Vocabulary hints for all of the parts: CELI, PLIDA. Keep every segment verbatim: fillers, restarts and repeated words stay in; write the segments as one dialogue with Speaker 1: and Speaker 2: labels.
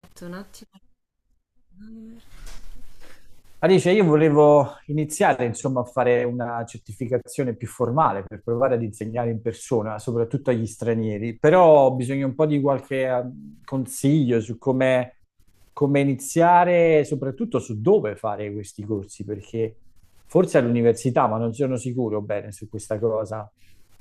Speaker 1: Aspetta un attimo.
Speaker 2: Alice, io volevo iniziare, insomma, a fare una certificazione più formale per provare ad insegnare in persona, soprattutto agli stranieri, però ho bisogno un po' di qualche eh, consiglio su come, come iniziare, e soprattutto su dove fare questi corsi, perché forse all'università, ma non sono sicuro bene su questa cosa.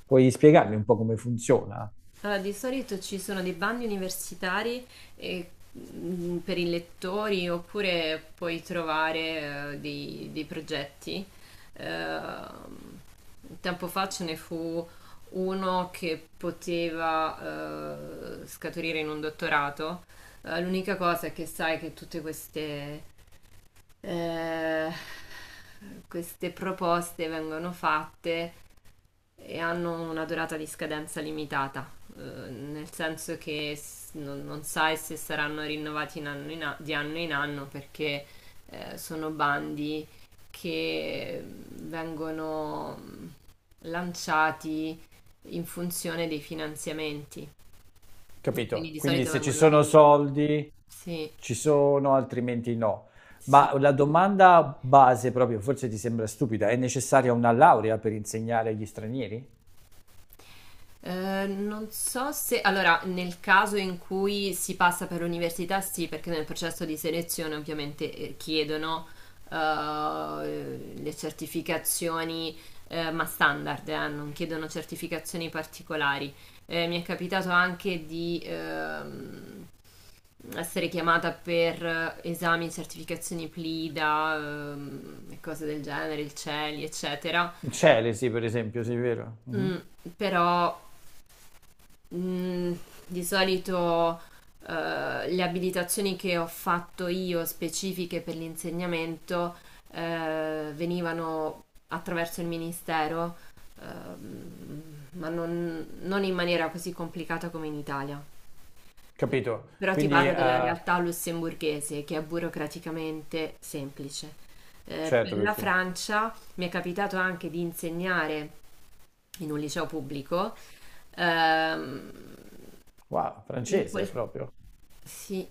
Speaker 2: Puoi spiegarmi un po' come funziona?
Speaker 1: Allora, di solito ci sono dei bandi universitari e, mm, per i lettori, oppure puoi trovare eh, dei, dei progetti. Ehm, Tempo fa ce ne fu uno che poteva eh, scaturire in un dottorato. Eh, l'unica cosa è che sai che tutte queste, eh, queste proposte vengono fatte e hanno una durata di scadenza limitata, eh, nel senso che s- non, non sai se saranno rinnovati in anno in a- di anno in anno, perché eh, sono bandi che vengono lanciati in funzione dei finanziamenti, quindi
Speaker 2: Capito?
Speaker 1: di
Speaker 2: Quindi
Speaker 1: solito
Speaker 2: se ci
Speaker 1: vengono ri-
Speaker 2: sono soldi,
Speaker 1: Sì,
Speaker 2: ci sono, altrimenti no.
Speaker 1: sì.
Speaker 2: Ma la domanda base proprio, forse ti sembra stupida, è necessaria una laurea per insegnare agli stranieri?
Speaker 1: Eh, non so se. Allora, nel caso in cui si passa per l'università, sì, perché nel processo di selezione ovviamente eh, chiedono eh, le certificazioni, eh, ma standard, eh, non chiedono certificazioni particolari. Eh, mi è capitato anche di ehm, essere chiamata per esami, certificazioni PLIDA, ehm, e cose del genere, il CELI, eccetera.
Speaker 2: In Celesi, per esempio, sì, vero?
Speaker 1: Mm,
Speaker 2: Mhm.
Speaker 1: Però Mm, di solito eh, le abilitazioni che ho fatto io specifiche per l'insegnamento eh, venivano attraverso il ministero, ehm, ma non, non in maniera così complicata come in Italia.
Speaker 2: Capito?
Speaker 1: Però ti
Speaker 2: Quindi,
Speaker 1: parlo
Speaker 2: eh,
Speaker 1: della realtà lussemburghese, che è burocraticamente semplice. Eh,
Speaker 2: certo,
Speaker 1: per la
Speaker 2: perché.
Speaker 1: Francia mi è capitato anche di insegnare in un liceo pubblico. Ehm,
Speaker 2: Wow,
Speaker 1: In
Speaker 2: francese
Speaker 1: quel,
Speaker 2: proprio.
Speaker 1: sì,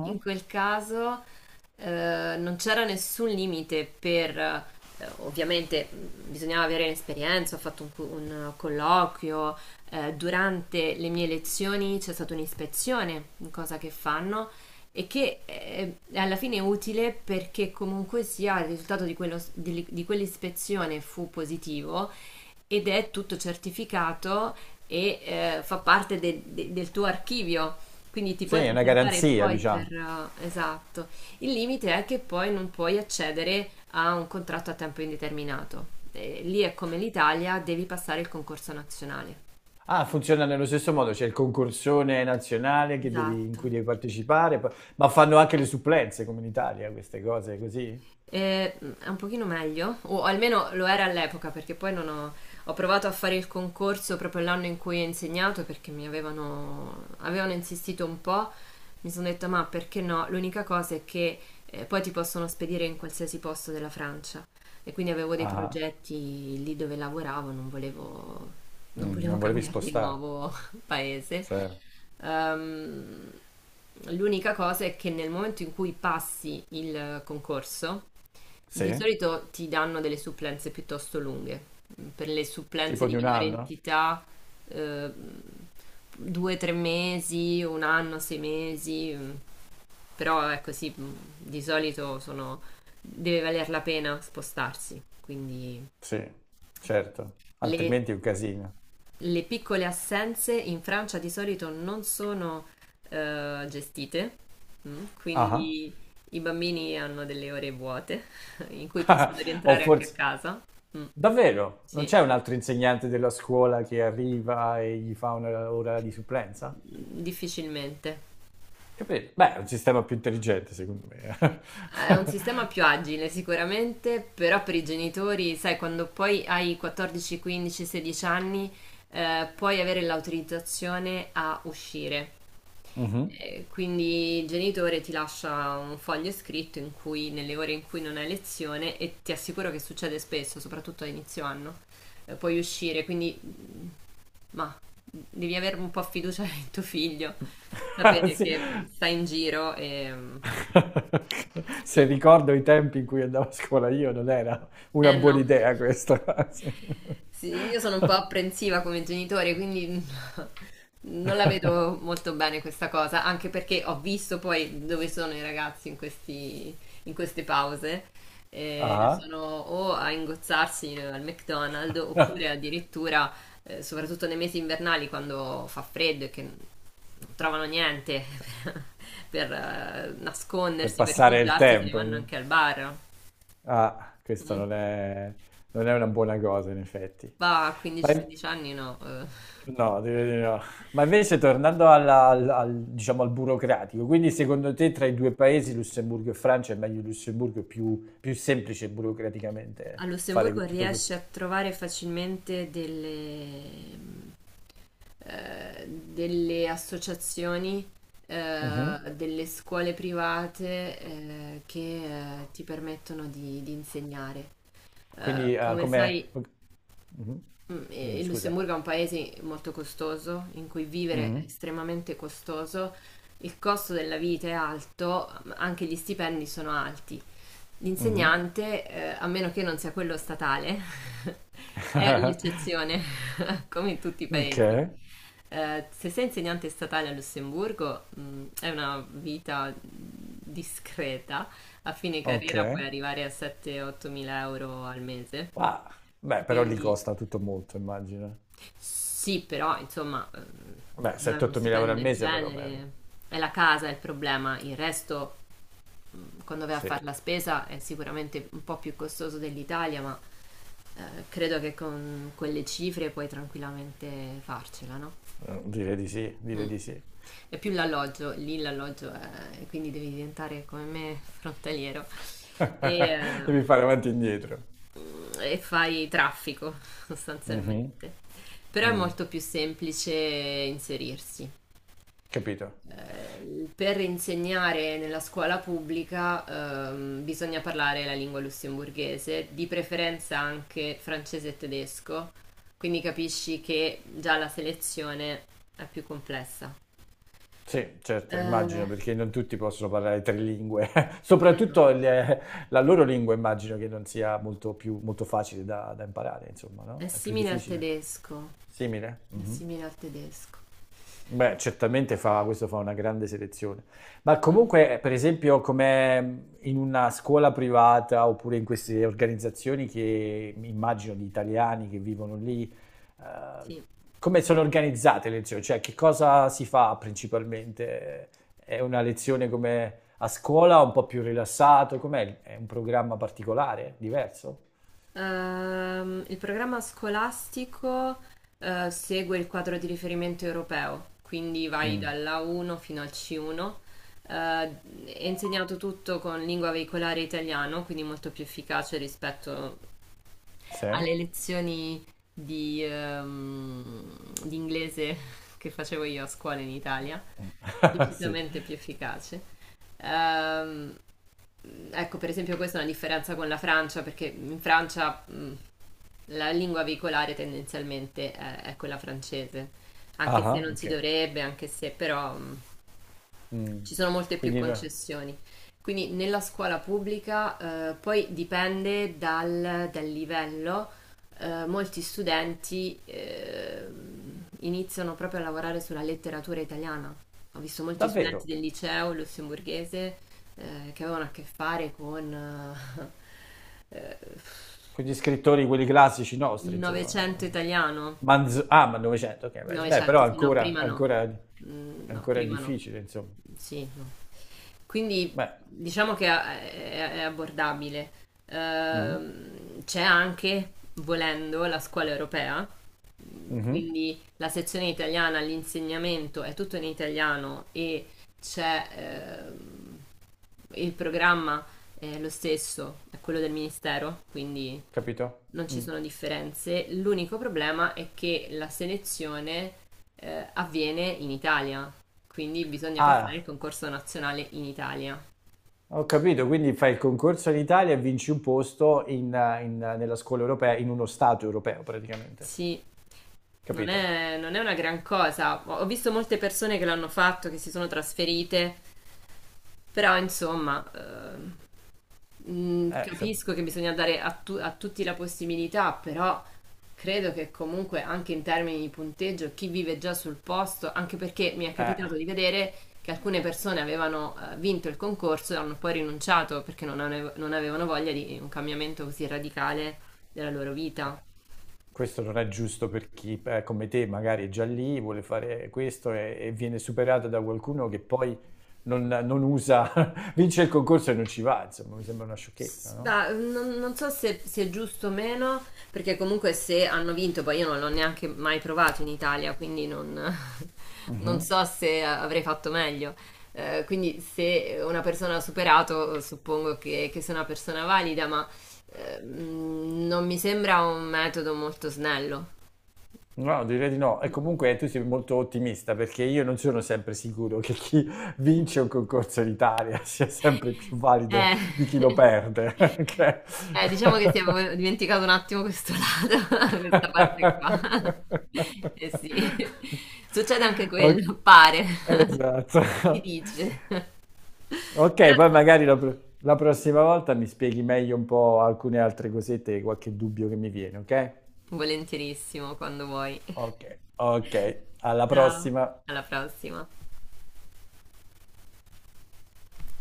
Speaker 1: in quel caso eh, non c'era nessun limite, per eh, ovviamente mh, bisognava avere l'esperienza, ho fatto un, cu- un colloquio, eh, durante le mie lezioni c'è stata un'ispezione, cosa che fanno e che eh, è alla fine è utile, perché comunque sia il risultato di, quello- di- di quell'ispezione fu positivo, ed è tutto certificato, e eh, fa parte de- de- del tuo archivio, quindi ti
Speaker 2: Sì,
Speaker 1: puoi
Speaker 2: è una
Speaker 1: presentare
Speaker 2: garanzia,
Speaker 1: poi per.
Speaker 2: diciamo.
Speaker 1: eh, Esatto. Il limite è che poi non puoi accedere a un contratto a tempo indeterminato. Eh, lì è come l'Italia, devi passare il concorso nazionale.
Speaker 2: Ah, funziona nello stesso modo, c'è il concorsone nazionale che devi- in cui
Speaker 1: Esatto.
Speaker 2: devi partecipare, poi- ma fanno anche le supplenze come in Italia, queste cose così?
Speaker 1: Eh, è un pochino meglio, o almeno lo era all'epoca, perché poi non ho, ho provato a fare il concorso proprio l'anno in cui ho insegnato, perché mi avevano, avevano insistito un po', mi sono detta, ma perché no? L'unica cosa è che eh, poi ti possono spedire in qualsiasi posto della Francia, e quindi avevo dei
Speaker 2: Ah,
Speaker 1: progetti lì dove lavoravo, non volevo, non
Speaker 2: mm,
Speaker 1: volevo
Speaker 2: non volevi
Speaker 1: cambiare di
Speaker 2: spostare.
Speaker 1: nuovo paese.
Speaker 2: Cioè.
Speaker 1: Ehm, L'unica cosa è che nel momento in cui passi il concorso,
Speaker 2: Sì,
Speaker 1: di solito ti danno delle supplenze piuttosto lunghe. Per le supplenze
Speaker 2: tipo
Speaker 1: di
Speaker 2: di un
Speaker 1: minore
Speaker 2: anno?
Speaker 1: entità, eh, due, tre mesi, un anno, sei mesi. Mm. Però ecco sì, mm, di solito sono- deve valer la pena spostarsi. Quindi
Speaker 2: Sì, certo,
Speaker 1: le,
Speaker 2: altrimenti è un casino.
Speaker 1: le piccole assenze in Francia di solito non sono eh, gestite, mm,
Speaker 2: Ah,
Speaker 1: quindi i bambini hanno delle ore vuote in cui possono
Speaker 2: ah. O
Speaker 1: rientrare anche a
Speaker 2: forse.
Speaker 1: casa. Mm,
Speaker 2: Davvero? Non
Speaker 1: sì,
Speaker 2: c'è un altro insegnante della scuola che arriva e gli fa un'ora di supplenza?
Speaker 1: difficilmente.
Speaker 2: Capito? Beh, è un sistema più intelligente, secondo me.
Speaker 1: È un
Speaker 2: eh.
Speaker 1: sistema più agile sicuramente, però per i genitori, sai, quando poi hai quattordici, quindici, sedici anni, eh, puoi avere l'autorizzazione a uscire.
Speaker 2: Mhm.
Speaker 1: E quindi il genitore ti lascia un foglio scritto in cui, nelle ore in cui non hai lezione, e ti assicuro che succede spesso, soprattutto a inizio anno, eh, puoi uscire, quindi mm, ma devi avere un po' fiducia in tuo figlio, sapere
Speaker 2: Sì.
Speaker 1: che mm, sta in giro e mm,
Speaker 2: Se
Speaker 1: sì.
Speaker 2: ricordo i tempi in cui andavo a scuola io, non era una
Speaker 1: Eh
Speaker 2: buona
Speaker 1: no.
Speaker 2: idea questa. Sì.
Speaker 1: Sì, io sono un po' apprensiva come genitore, quindi non la vedo molto bene questa cosa, anche perché ho visto poi dove sono i ragazzi in questi- in queste pause. Eh,
Speaker 2: Ah.
Speaker 1: sono o a ingozzarsi al McDonald's, oppure addirittura, eh, soprattutto nei mesi invernali quando fa freddo e che non trovano niente per, eh,
Speaker 2: Per
Speaker 1: nascondersi, per
Speaker 2: passare il
Speaker 1: rifugiarsi, se ne
Speaker 2: tempo.
Speaker 1: vanno anche al bar.
Speaker 2: Ah, questa
Speaker 1: Mm.
Speaker 2: non è, non è una buona cosa, in effetti.
Speaker 1: Va a
Speaker 2: Ma in-
Speaker 1: quindici sedici anni, no. Eh.
Speaker 2: no, direi di no. Ma invece, tornando alla- al, al- diciamo, al burocratico, quindi secondo te tra i due paesi, Lussemburgo e Francia, è meglio Lussemburgo, è più, più semplice burocraticamente
Speaker 1: A
Speaker 2: fare
Speaker 1: Lussemburgo
Speaker 2: tutto questo?
Speaker 1: riesci a trovare facilmente delle, mh, eh, delle associazioni, eh,
Speaker 2: Mhm.
Speaker 1: delle scuole private, eh, che eh, ti permettono di, di insegnare. Eh,
Speaker 2: Quindi, eh,
Speaker 1: come sai,
Speaker 2: come. Mhm.
Speaker 1: mh, eh,
Speaker 2: Dimmi,
Speaker 1: il
Speaker 2: scusa.
Speaker 1: Lussemburgo è un paese molto costoso, in cui vivere è
Speaker 2: Mhm.
Speaker 1: estremamente costoso. Il costo della vita è alto, ma anche gli stipendi sono alti.
Speaker 2: Mhm.
Speaker 1: L'insegnante, ehm, a meno che non sia quello statale, è l'eccezione, come in tutti i
Speaker 2: Ok,
Speaker 1: paesi. Ehm, se sei insegnante statale a Lussemburgo, mhmm, è una vita discreta. A fine carriera puoi
Speaker 2: ok.
Speaker 1: arrivare a sette, ottomila euro al mese.
Speaker 2: Ah, beh, però lì
Speaker 1: Quindi
Speaker 2: costa tutto molto, immagino.
Speaker 1: sì, però insomma, ehm,
Speaker 2: Beh,
Speaker 1: non è uno
Speaker 2: sette o otto mila euro
Speaker 1: stipendio
Speaker 2: al
Speaker 1: del
Speaker 2: mese però, beh,
Speaker 1: genere, è la casa il problema. Il resto, quando vai a
Speaker 2: sì.
Speaker 1: fare la spesa, è sicuramente un po' più costoso dell'Italia, ma eh, credo che con quelle cifre puoi tranquillamente farcela, no?
Speaker 2: Eh, direi di sì, direi
Speaker 1: Mm.
Speaker 2: di sì.
Speaker 1: È più l'alloggio, lì l'alloggio è, quindi devi diventare come me frontaliero, e, eh,
Speaker 2: Devi fare avanti e indietro.
Speaker 1: e fai traffico
Speaker 2: Mhm,
Speaker 1: sostanzialmente. Però è
Speaker 2: mm.
Speaker 1: molto più semplice inserirsi.
Speaker 2: Capito?
Speaker 1: Eh, per insegnare nella scuola pubblica ehm, bisogna parlare la lingua lussemburghese, di preferenza anche francese e tedesco, quindi capisci che già la selezione è più complessa.
Speaker 2: Sì, certo,
Speaker 1: Eh,
Speaker 2: immagino, perché non tutti possono parlare tre lingue.
Speaker 1: no.
Speaker 2: Soprattutto le- la loro lingua immagino che non sia molto più, molto facile da, da imparare, insomma,
Speaker 1: È
Speaker 2: no? È più
Speaker 1: simile al
Speaker 2: difficile.
Speaker 1: tedesco,
Speaker 2: Simile?
Speaker 1: è
Speaker 2: Mhm.
Speaker 1: simile al tedesco.
Speaker 2: Beh, certamente fa, questo fa una grande selezione. Ma
Speaker 1: Mm,
Speaker 2: comunque, per esempio, come in una scuola privata oppure in queste organizzazioni che immagino di italiani che vivono lì, eh,
Speaker 1: sì.
Speaker 2: come sono organizzate le lezioni? Cioè, che cosa si fa principalmente? È una lezione come a scuola, un po' più rilassato? Com'è? È un programma particolare, diverso?
Speaker 1: Ehm, il programma scolastico eh, segue il quadro di riferimento europeo, quindi vai
Speaker 2: Mm.
Speaker 1: dall'A uno fino al C uno. Eh, è insegnato tutto con lingua veicolare italiano, quindi molto più efficace rispetto
Speaker 2: Sì?
Speaker 1: alle lezioni di, ehm, di inglese che facevo io a scuola in Italia,
Speaker 2: Mm. Sì.
Speaker 1: decisamente più efficace. Ehm, ecco, per esempio, questa è una differenza con la Francia, perché in Francia, mh, la lingua veicolare tendenzialmente è, è quella francese,
Speaker 2: Ah,
Speaker 1: anche se
Speaker 2: ah,
Speaker 1: non si
Speaker 2: ok.
Speaker 1: dovrebbe, anche se però mh, ci
Speaker 2: Mm.
Speaker 1: sono molte più
Speaker 2: Quindi, no-
Speaker 1: concessioni. Quindi nella scuola pubblica eh, poi dipende dal, dal livello, eh, molti studenti eh, iniziano proprio a lavorare sulla letteratura italiana. Ho visto molti studenti
Speaker 2: davvero?
Speaker 1: del liceo lussemburghese eh, che avevano a che fare con eh, eh,
Speaker 2: Con gli scrittori, quelli classici
Speaker 1: il
Speaker 2: nostri,
Speaker 1: Novecento
Speaker 2: insomma.
Speaker 1: italiano.
Speaker 2: Manzo- ah, ma novecento, ok, beh, beh, però
Speaker 1: Novecento, sì, no,
Speaker 2: ancora,
Speaker 1: prima no.
Speaker 2: ancora,
Speaker 1: Mm, no,
Speaker 2: ancora è
Speaker 1: prima no.
Speaker 2: difficile, insomma.
Speaker 1: Sì, no. Quindi
Speaker 2: Beh,
Speaker 1: diciamo che è, è abbordabile.
Speaker 2: mhm,
Speaker 1: Ehm, c'è anche, volendo, la scuola europea,
Speaker 2: mhm,
Speaker 1: quindi la sezione italiana, l'insegnamento è tutto in italiano, e c'è, ehm, il programma è lo stesso, è quello del ministero, quindi
Speaker 2: capito?
Speaker 1: non ci
Speaker 2: Mm.
Speaker 1: sono differenze. L'unico problema è che la selezione eh, avviene in Italia, quindi bisogna passare il
Speaker 2: Ah,
Speaker 1: concorso nazionale in Italia.
Speaker 2: ho capito, quindi fai il concorso in Italia e vinci un posto in, eh, in, eh, nella scuola europea, in uno stato europeo praticamente,
Speaker 1: Sì, non
Speaker 2: capito?
Speaker 1: è, non è una gran cosa. Ho ho visto molte persone che l'hanno fatto, che si sono trasferite, però insomma. Eh, Mm,
Speaker 2: Eh, insomma,
Speaker 1: capisco che bisogna dare a, tu- a tutti la possibilità, però credo che comunque anche in termini di punteggio, chi vive già sul posto, anche perché mi è
Speaker 2: eh.
Speaker 1: capitato di vedere che alcune persone avevano eh, vinto il concorso, e hanno poi rinunciato perché non, ave- non avevano voglia di un cambiamento così radicale della loro
Speaker 2: Eh,
Speaker 1: vita.
Speaker 2: Questo non è giusto per chi, eh, come te, magari è già lì, vuole fare questo e, e viene superato da qualcuno che poi non, non usa, vince il concorso e non ci va, insomma, mi sembra una sciocchezza,
Speaker 1: S-
Speaker 2: no?
Speaker 1: bah, non, non so se, se, è giusto o meno, perché comunque se hanno vinto, poi io non l'ho neanche mai provato in Italia, quindi non, non
Speaker 2: Mhm.
Speaker 1: so se avrei fatto meglio. Eh, quindi se una persona ha superato, suppongo che, che sia una persona valida, ma eh, mh, non mi sembra un metodo molto snello.
Speaker 2: No, direi di no. E comunque tu sei molto ottimista perché io non sono sempre sicuro che chi vince un concorso in Italia sia sempre più valido
Speaker 1: Eh,
Speaker 2: di chi lo perde. Ok?
Speaker 1: eh, diciamo che ti avevo dimenticato un attimo questo lato, questa parte qua. Eh sì, succede anche
Speaker 2: Ok,
Speaker 1: quello, pare,
Speaker 2: esatto.
Speaker 1: si dice. Però
Speaker 2: Ok, poi magari la, pro- la prossima volta mi spieghi meglio un po' alcune altre cosette, qualche dubbio che mi viene, ok?
Speaker 1: volentierissimo quando vuoi.
Speaker 2: Ok, ok, alla
Speaker 1: Ciao.
Speaker 2: prossima.
Speaker 1: Alla prossima.